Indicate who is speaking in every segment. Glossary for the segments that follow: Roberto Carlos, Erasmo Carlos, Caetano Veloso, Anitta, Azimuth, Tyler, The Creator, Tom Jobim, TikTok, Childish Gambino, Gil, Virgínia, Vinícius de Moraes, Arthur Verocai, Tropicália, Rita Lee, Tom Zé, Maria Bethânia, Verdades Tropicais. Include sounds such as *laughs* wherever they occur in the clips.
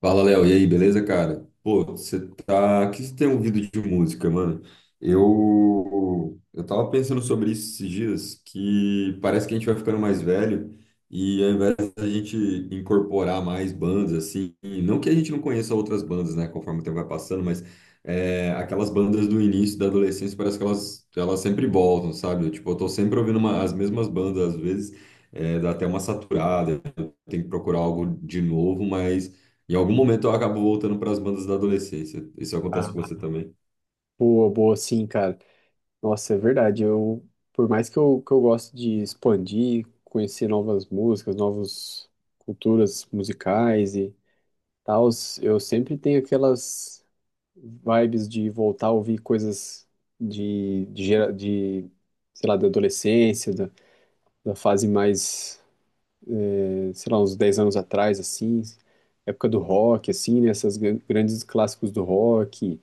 Speaker 1: Fala, Léo. E aí, beleza, cara? Pô, você tá. O que você tem ouvido de música, mano? Eu tava pensando sobre isso esses dias, que parece que a gente vai ficando mais velho e ao invés da gente incorporar mais bandas, assim, não que a gente não conheça outras bandas, né, conforme o tempo vai passando, mas aquelas bandas do início da adolescência parece que elas sempre voltam, sabe? Tipo, eu tô sempre as mesmas bandas, às vezes dá até uma saturada, tem que procurar algo de novo, mas. Em algum momento eu acabo voltando para as bandas da adolescência. Isso acontece com
Speaker 2: Ah,
Speaker 1: você também?
Speaker 2: boa, boa, sim, cara. Nossa, é verdade. Eu, por mais que eu gosto de expandir, conhecer novas músicas, novas culturas musicais e tal, eu sempre tenho aquelas vibes de voltar a ouvir coisas de sei lá, da adolescência, da, da fase mais, sei lá, uns 10 anos atrás, assim, época do rock, assim, né, essas grandes clássicos do rock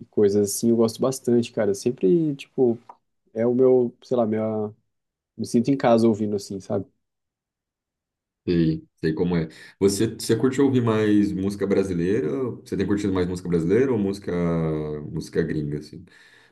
Speaker 2: e coisas assim, eu gosto bastante, cara. Sempre, tipo, é o meu, sei lá, minha, me sinto em casa ouvindo assim, sabe?
Speaker 1: Sei, sei como é. Você curte ouvir mais música brasileira? Você tem curtido mais música brasileira ou música gringa, assim?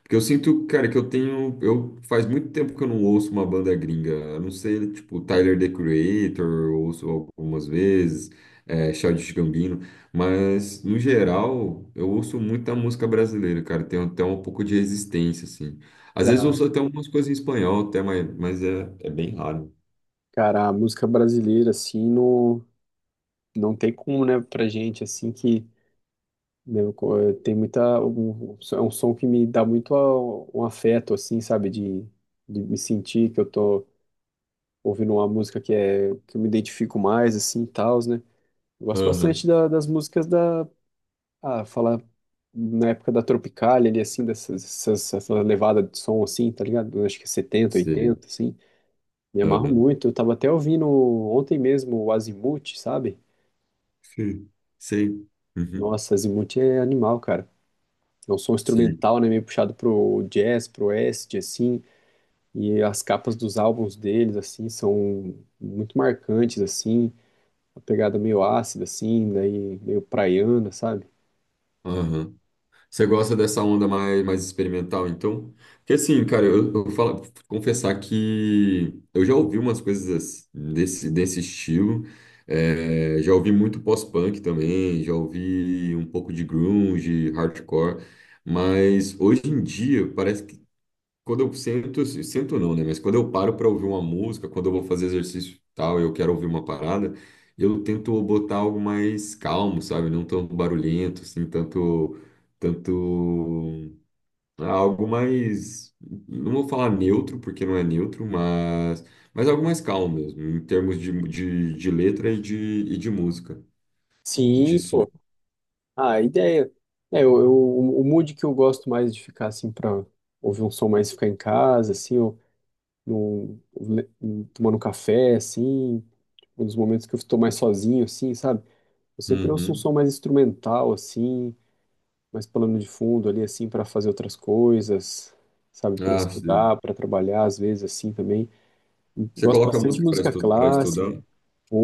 Speaker 1: Porque eu sinto, cara, que eu tenho. Eu, faz muito tempo que eu não ouço uma banda gringa. A não ser, tipo, Tyler, The Creator, eu ouço algumas vezes, Childish Gambino. Mas, no geral, eu ouço muita música brasileira, cara. Tenho até um pouco de resistência, assim. Às vezes eu
Speaker 2: Claro.
Speaker 1: ouço até algumas coisas em espanhol, até, mas, é bem raro.
Speaker 2: Cara, a música brasileira, assim, no, não tem como, né, pra gente, assim, que né, tem muita. Um, é um som que me dá muito um afeto, assim, sabe? De me sentir que eu tô ouvindo uma música que é que eu me identifico mais, assim, e tal, né? Eu gosto
Speaker 1: Aham,
Speaker 2: bastante das músicas da. Ah, falar na época da Tropicália, ali, assim, essa levada de som, assim, tá ligado? Eu acho que é 70,
Speaker 1: sei.
Speaker 2: 80, assim. Me amarro
Speaker 1: Aham.
Speaker 2: muito. Eu tava até ouvindo ontem mesmo o Azimuth, sabe?
Speaker 1: Sim. Sei. Uhum.
Speaker 2: Nossa, Azimuth é animal, cara. É um som
Speaker 1: Sei.
Speaker 2: instrumental, né? Meio puxado pro jazz, pro acid, assim. E as capas dos álbuns deles, assim, são muito marcantes, assim. A pegada meio ácida, assim, daí meio praiana, sabe?
Speaker 1: Aham. Você gosta dessa onda mais, mais experimental, então? Porque assim, cara, eu confessar que eu já ouvi umas coisas ass- desse, desse estilo. Já ouvi muito pós-punk também, já ouvi um pouco de grunge, hardcore. Mas hoje em dia parece que quando eu sento, assim, sento não, né? Mas quando eu paro para ouvir uma música, quando eu vou fazer exercício e tal, eu quero ouvir uma parada, eu tento botar algo mais calmo, sabe? Não tão barulhento, assim, tanto, algo mais, não vou falar neutro, porque não é neutro, mas algo mais calmo mesmo, em termos de letra e de música, e de
Speaker 2: Sim,
Speaker 1: som.
Speaker 2: pô. Ah, a ideia. É, o mood que eu gosto mais de ficar, assim, pra ouvir um som mais, ficar em casa, assim, ou num- le- tomando um café, assim, um dos momentos que eu estou mais sozinho, assim, sabe? Eu sempre ouço um
Speaker 1: Uhum.
Speaker 2: som mais instrumental, assim, mais plano de fundo ali, assim, para fazer outras coisas, sabe? Para
Speaker 1: Ah, sim.
Speaker 2: estudar, para trabalhar, às vezes, assim, também.
Speaker 1: Você
Speaker 2: Gosto
Speaker 1: coloca
Speaker 2: bastante de
Speaker 1: música
Speaker 2: música
Speaker 1: para
Speaker 2: clássica.
Speaker 1: estudar,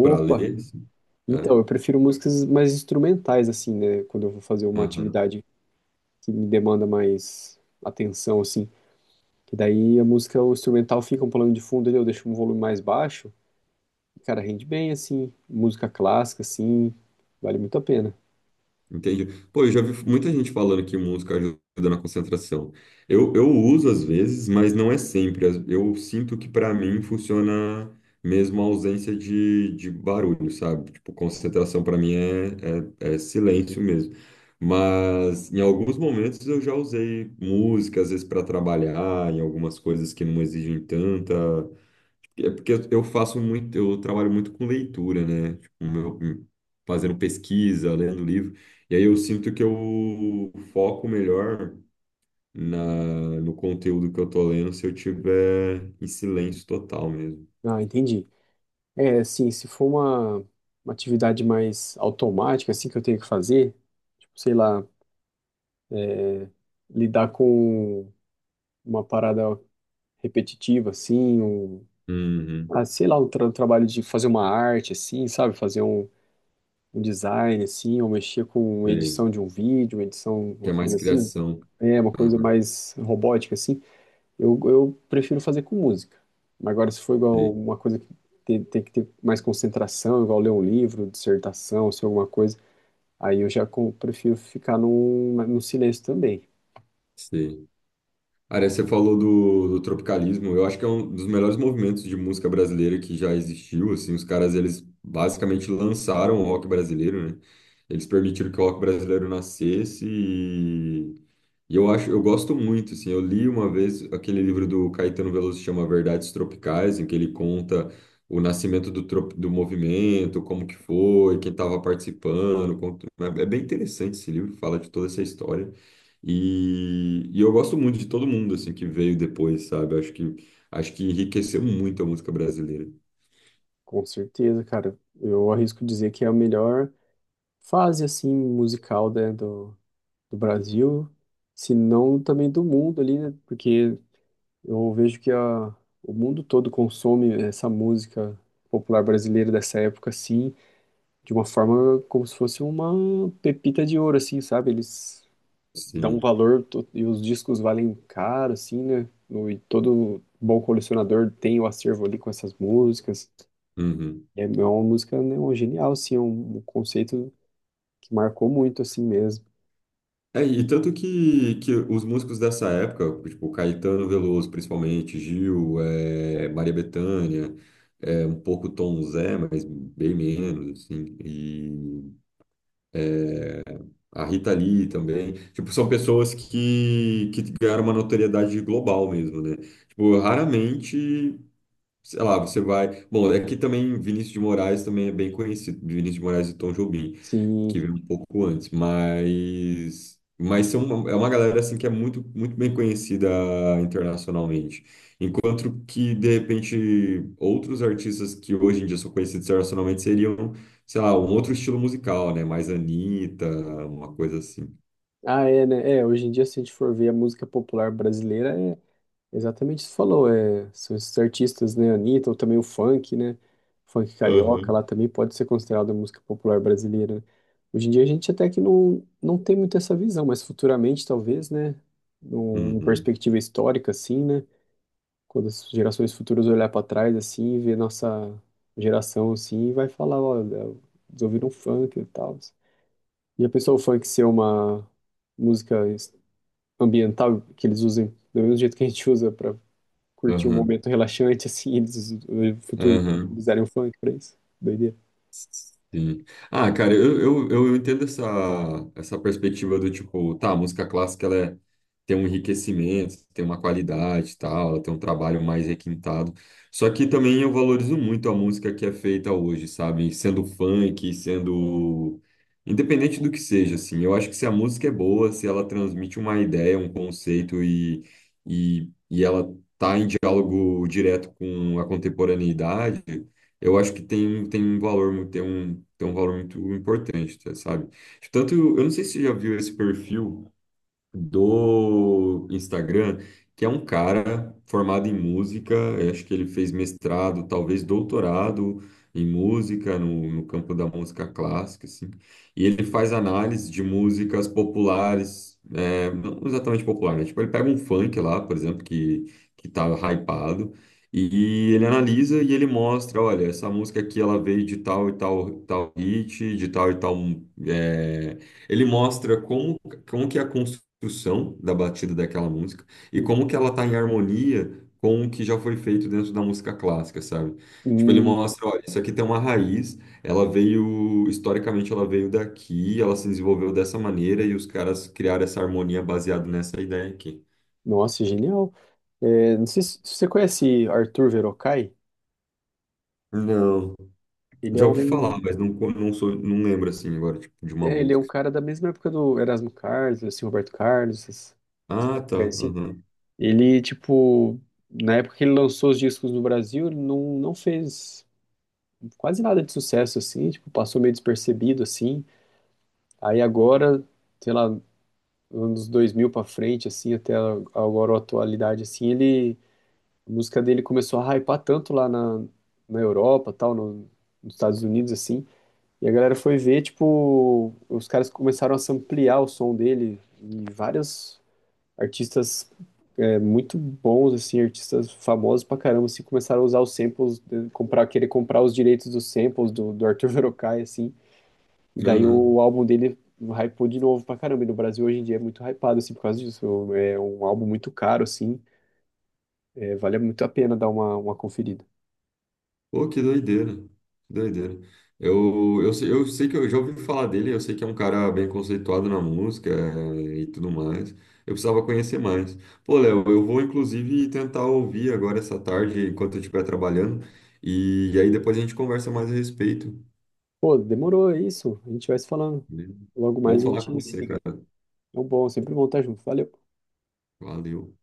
Speaker 1: para ler, sim. É.
Speaker 2: Então, eu prefiro músicas mais instrumentais, assim, né? Quando eu vou fazer uma
Speaker 1: Aham.
Speaker 2: atividade que me demanda mais atenção, assim. Que daí a música, o instrumental fica um plano de fundo ali, eu deixo um volume mais baixo. Cara, rende bem, assim. Música clássica, assim, vale muito a pena.
Speaker 1: Entendi. Pô, eu já vi muita gente falando que música ajuda na concentração. Eu uso às vezes, mas não é sempre. As- Eu sinto que para mim funciona mesmo a ausência de barulho, sabe? Tipo, concentração para mim é, é silêncio mesmo. Mas em alguns momentos eu já usei música, às vezes para trabalhar, em algumas coisas que não exigem tanta. É porque eu faço muito, eu trabalho muito com leitura, né? Fazendo pesquisa, lendo livro. E aí eu sinto que eu foco melhor na, no conteúdo que eu tô lendo se eu tiver em silêncio total mesmo.
Speaker 2: Ah, entendi. É, assim, se for uma atividade mais automática, assim, que eu tenho que fazer, tipo, sei lá, lidar com uma parada repetitiva, assim, um,
Speaker 1: Uhum,
Speaker 2: ah, sei lá, um trabalho de fazer uma arte, assim, sabe? Fazer um, um design, assim, ou mexer com edição
Speaker 1: sei.
Speaker 2: de um vídeo, edição,
Speaker 1: Que
Speaker 2: uma
Speaker 1: é mais
Speaker 2: coisa assim.
Speaker 1: criação.
Speaker 2: É, uma coisa
Speaker 1: Aham,
Speaker 2: mais robótica, assim. Eu prefiro fazer com música. Mas agora, se for igual
Speaker 1: sei,
Speaker 2: uma coisa que tem que ter mais concentração, igual ler um livro, dissertação, se alguma coisa, aí eu já prefiro ficar num, no silêncio também.
Speaker 1: sei. Aria, você falou do tropicalismo. Eu acho que é um dos melhores movimentos de música brasileira que já existiu. Assim, os caras eles basicamente lançaram o rock brasileiro, né? Eles permitiram que o rock brasileiro nascesse e eu acho, eu gosto muito, assim, eu li uma vez aquele livro do Caetano Veloso que chama Verdades Tropicais, em que ele conta o nascimento do movimento, como que foi, quem estava participando, é é bem interessante esse livro, fala de toda essa história. E eu gosto muito de todo mundo, assim, que veio depois, sabe? Acho que enriqueceu muito a música brasileira.
Speaker 2: Com certeza, cara. Eu arrisco dizer que é a melhor fase, assim, musical, né, do, do Brasil, se não também do mundo ali, né? Porque eu vejo que a, o mundo todo consome essa música popular brasileira dessa época, assim, de uma forma como se fosse uma pepita de ouro, assim, sabe? Eles dão um
Speaker 1: Sim.
Speaker 2: valor e os discos valem caro, assim, né? E todo bom colecionador tem o acervo ali com essas músicas.
Speaker 1: Uhum.
Speaker 2: E é uma música, né, um genial, assim, um conceito que marcou muito, assim mesmo.
Speaker 1: É, e tanto que os músicos dessa época, tipo Caetano Veloso, principalmente, Gil, Maria Bethânia, é um pouco Tom Zé, mas bem menos, assim, e a Rita Lee também, tipo, são pessoas que ganharam uma notoriedade global mesmo, né? Tipo, raramente sei lá, você vai. Bom, é que também Vinícius de Moraes também é bem conhecido, Vinícius de Moraes e Tom Jobim, que
Speaker 2: Sim.
Speaker 1: veio um pouco antes, mas é uma galera assim que é muito bem conhecida internacionalmente. Enquanto que de repente outros artistas que hoje em dia são conhecidos internacionalmente seriam, sei lá, um outro estilo musical, né? Mais Anitta, uma coisa assim.
Speaker 2: Ah, é, né? É, hoje em dia, se a gente for ver a música popular brasileira, é exatamente isso que você falou, é, são esses artistas, né, Anitta, ou também o funk, né, funk carioca,
Speaker 1: Aham.
Speaker 2: lá também pode ser considerado música popular brasileira, né? Hoje em dia a gente até que não, não tem muito essa visão, mas futuramente talvez, né, numa
Speaker 1: Uhum.
Speaker 2: perspectiva histórica, assim, né, quando as gerações futuras olhar para trás, assim, e ver nossa geração, assim, vai falar, olha, eles ouviram funk e tal, e a pessoa o funk ser uma música ambiental que eles usem do mesmo jeito que a gente usa para curtir um
Speaker 1: Aham.
Speaker 2: momento relaxante, assim, eles no futuro
Speaker 1: Aham.
Speaker 2: utilizarem o funk pra isso. Doideira.
Speaker 1: Sim. Ah, cara, eu entendo essa, essa perspectiva do tipo, tá, a música clássica ela é- tem um enriquecimento, tem uma qualidade e tal, ela tem um trabalho mais requintado. Só que também eu valorizo muito a música que é feita hoje, sabe? Sendo funk, sendo. Independente do que seja, assim. Eu acho que se a música é boa, se ela transmite uma ideia, um conceito e ela tá em diálogo direto com a contemporaneidade eu acho que tem um valor muito importante, tá, sabe? Tanto, eu não sei se você já viu esse perfil, do Instagram, que é um cara formado em música, eu acho que ele fez mestrado, talvez doutorado em música, no campo da música clássica, assim, e ele faz análise de músicas populares, é, não exatamente populares, né? Tipo, ele pega um funk lá, por exemplo, que tá hypado. E ele analisa e ele mostra, olha, essa música aqui ela veio de tal e tal, tal hit, de tal e tal. é, Ele mostra como que é a construção da batida daquela música e
Speaker 2: Hum.
Speaker 1: como que ela está em harmonia com o que já foi feito dentro da música clássica, sabe? Tipo, ele
Speaker 2: Hum,
Speaker 1: mostra, olha, isso aqui tem uma raiz, ela veio, historicamente ela veio daqui, ela se desenvolveu dessa maneira e os caras criaram essa harmonia baseada nessa ideia aqui.
Speaker 2: nossa, genial. É, não sei se você conhece Arthur Verocai.
Speaker 1: Não,
Speaker 2: Ele é
Speaker 1: já ouvi falar,
Speaker 2: um,
Speaker 1: mas não, não sou, não lembro assim agora, tipo, de uma
Speaker 2: é, ele é um
Speaker 1: música.
Speaker 2: cara da mesma época do Erasmo Carlos, assim, Roberto Carlos, essas- essa
Speaker 1: Ah, tá,
Speaker 2: época assim.
Speaker 1: aham,
Speaker 2: Ele, tipo, na época que ele lançou os discos no Brasil, ele não, não fez quase nada de sucesso, assim, tipo, passou meio despercebido, assim. Aí agora, sei lá, anos 2000 pra frente, assim, até agora a atualidade, assim, ele, a música dele começou a hypar tanto lá na, na Europa, tal, nos Estados Unidos, assim, e a galera foi ver, tipo, os caras começaram a ampliar o som dele e vários artistas é, muito bons, assim, artistas famosos pra caramba, assim, começaram a usar os samples, comprar, querer comprar os direitos dos samples do, do Arthur *laughs* Verocai, assim, e daí
Speaker 1: aham.
Speaker 2: o álbum dele hypou de novo pra caramba. E no Brasil hoje em dia é muito hypado, assim, por causa disso. É um álbum muito caro, assim. É, vale muito a pena dar uma conferida.
Speaker 1: Pô, que doideira. Que doideira. Eu sei que eu já ouvi falar dele, eu sei que é um cara bem conceituado na música e tudo mais. Eu precisava conhecer mais. Pô, Léo, eu vou inclusive tentar ouvir agora essa tarde, enquanto eu estiver trabalhando, e aí depois a gente conversa mais a respeito.
Speaker 2: Pô, demorou, é isso. A gente vai se falando.
Speaker 1: Beleza?
Speaker 2: Logo
Speaker 1: Bom
Speaker 2: mais a
Speaker 1: falar com
Speaker 2: gente se
Speaker 1: você,
Speaker 2: liga.
Speaker 1: cara.
Speaker 2: É um bom, sempre bom estar junto. Valeu.
Speaker 1: Valeu.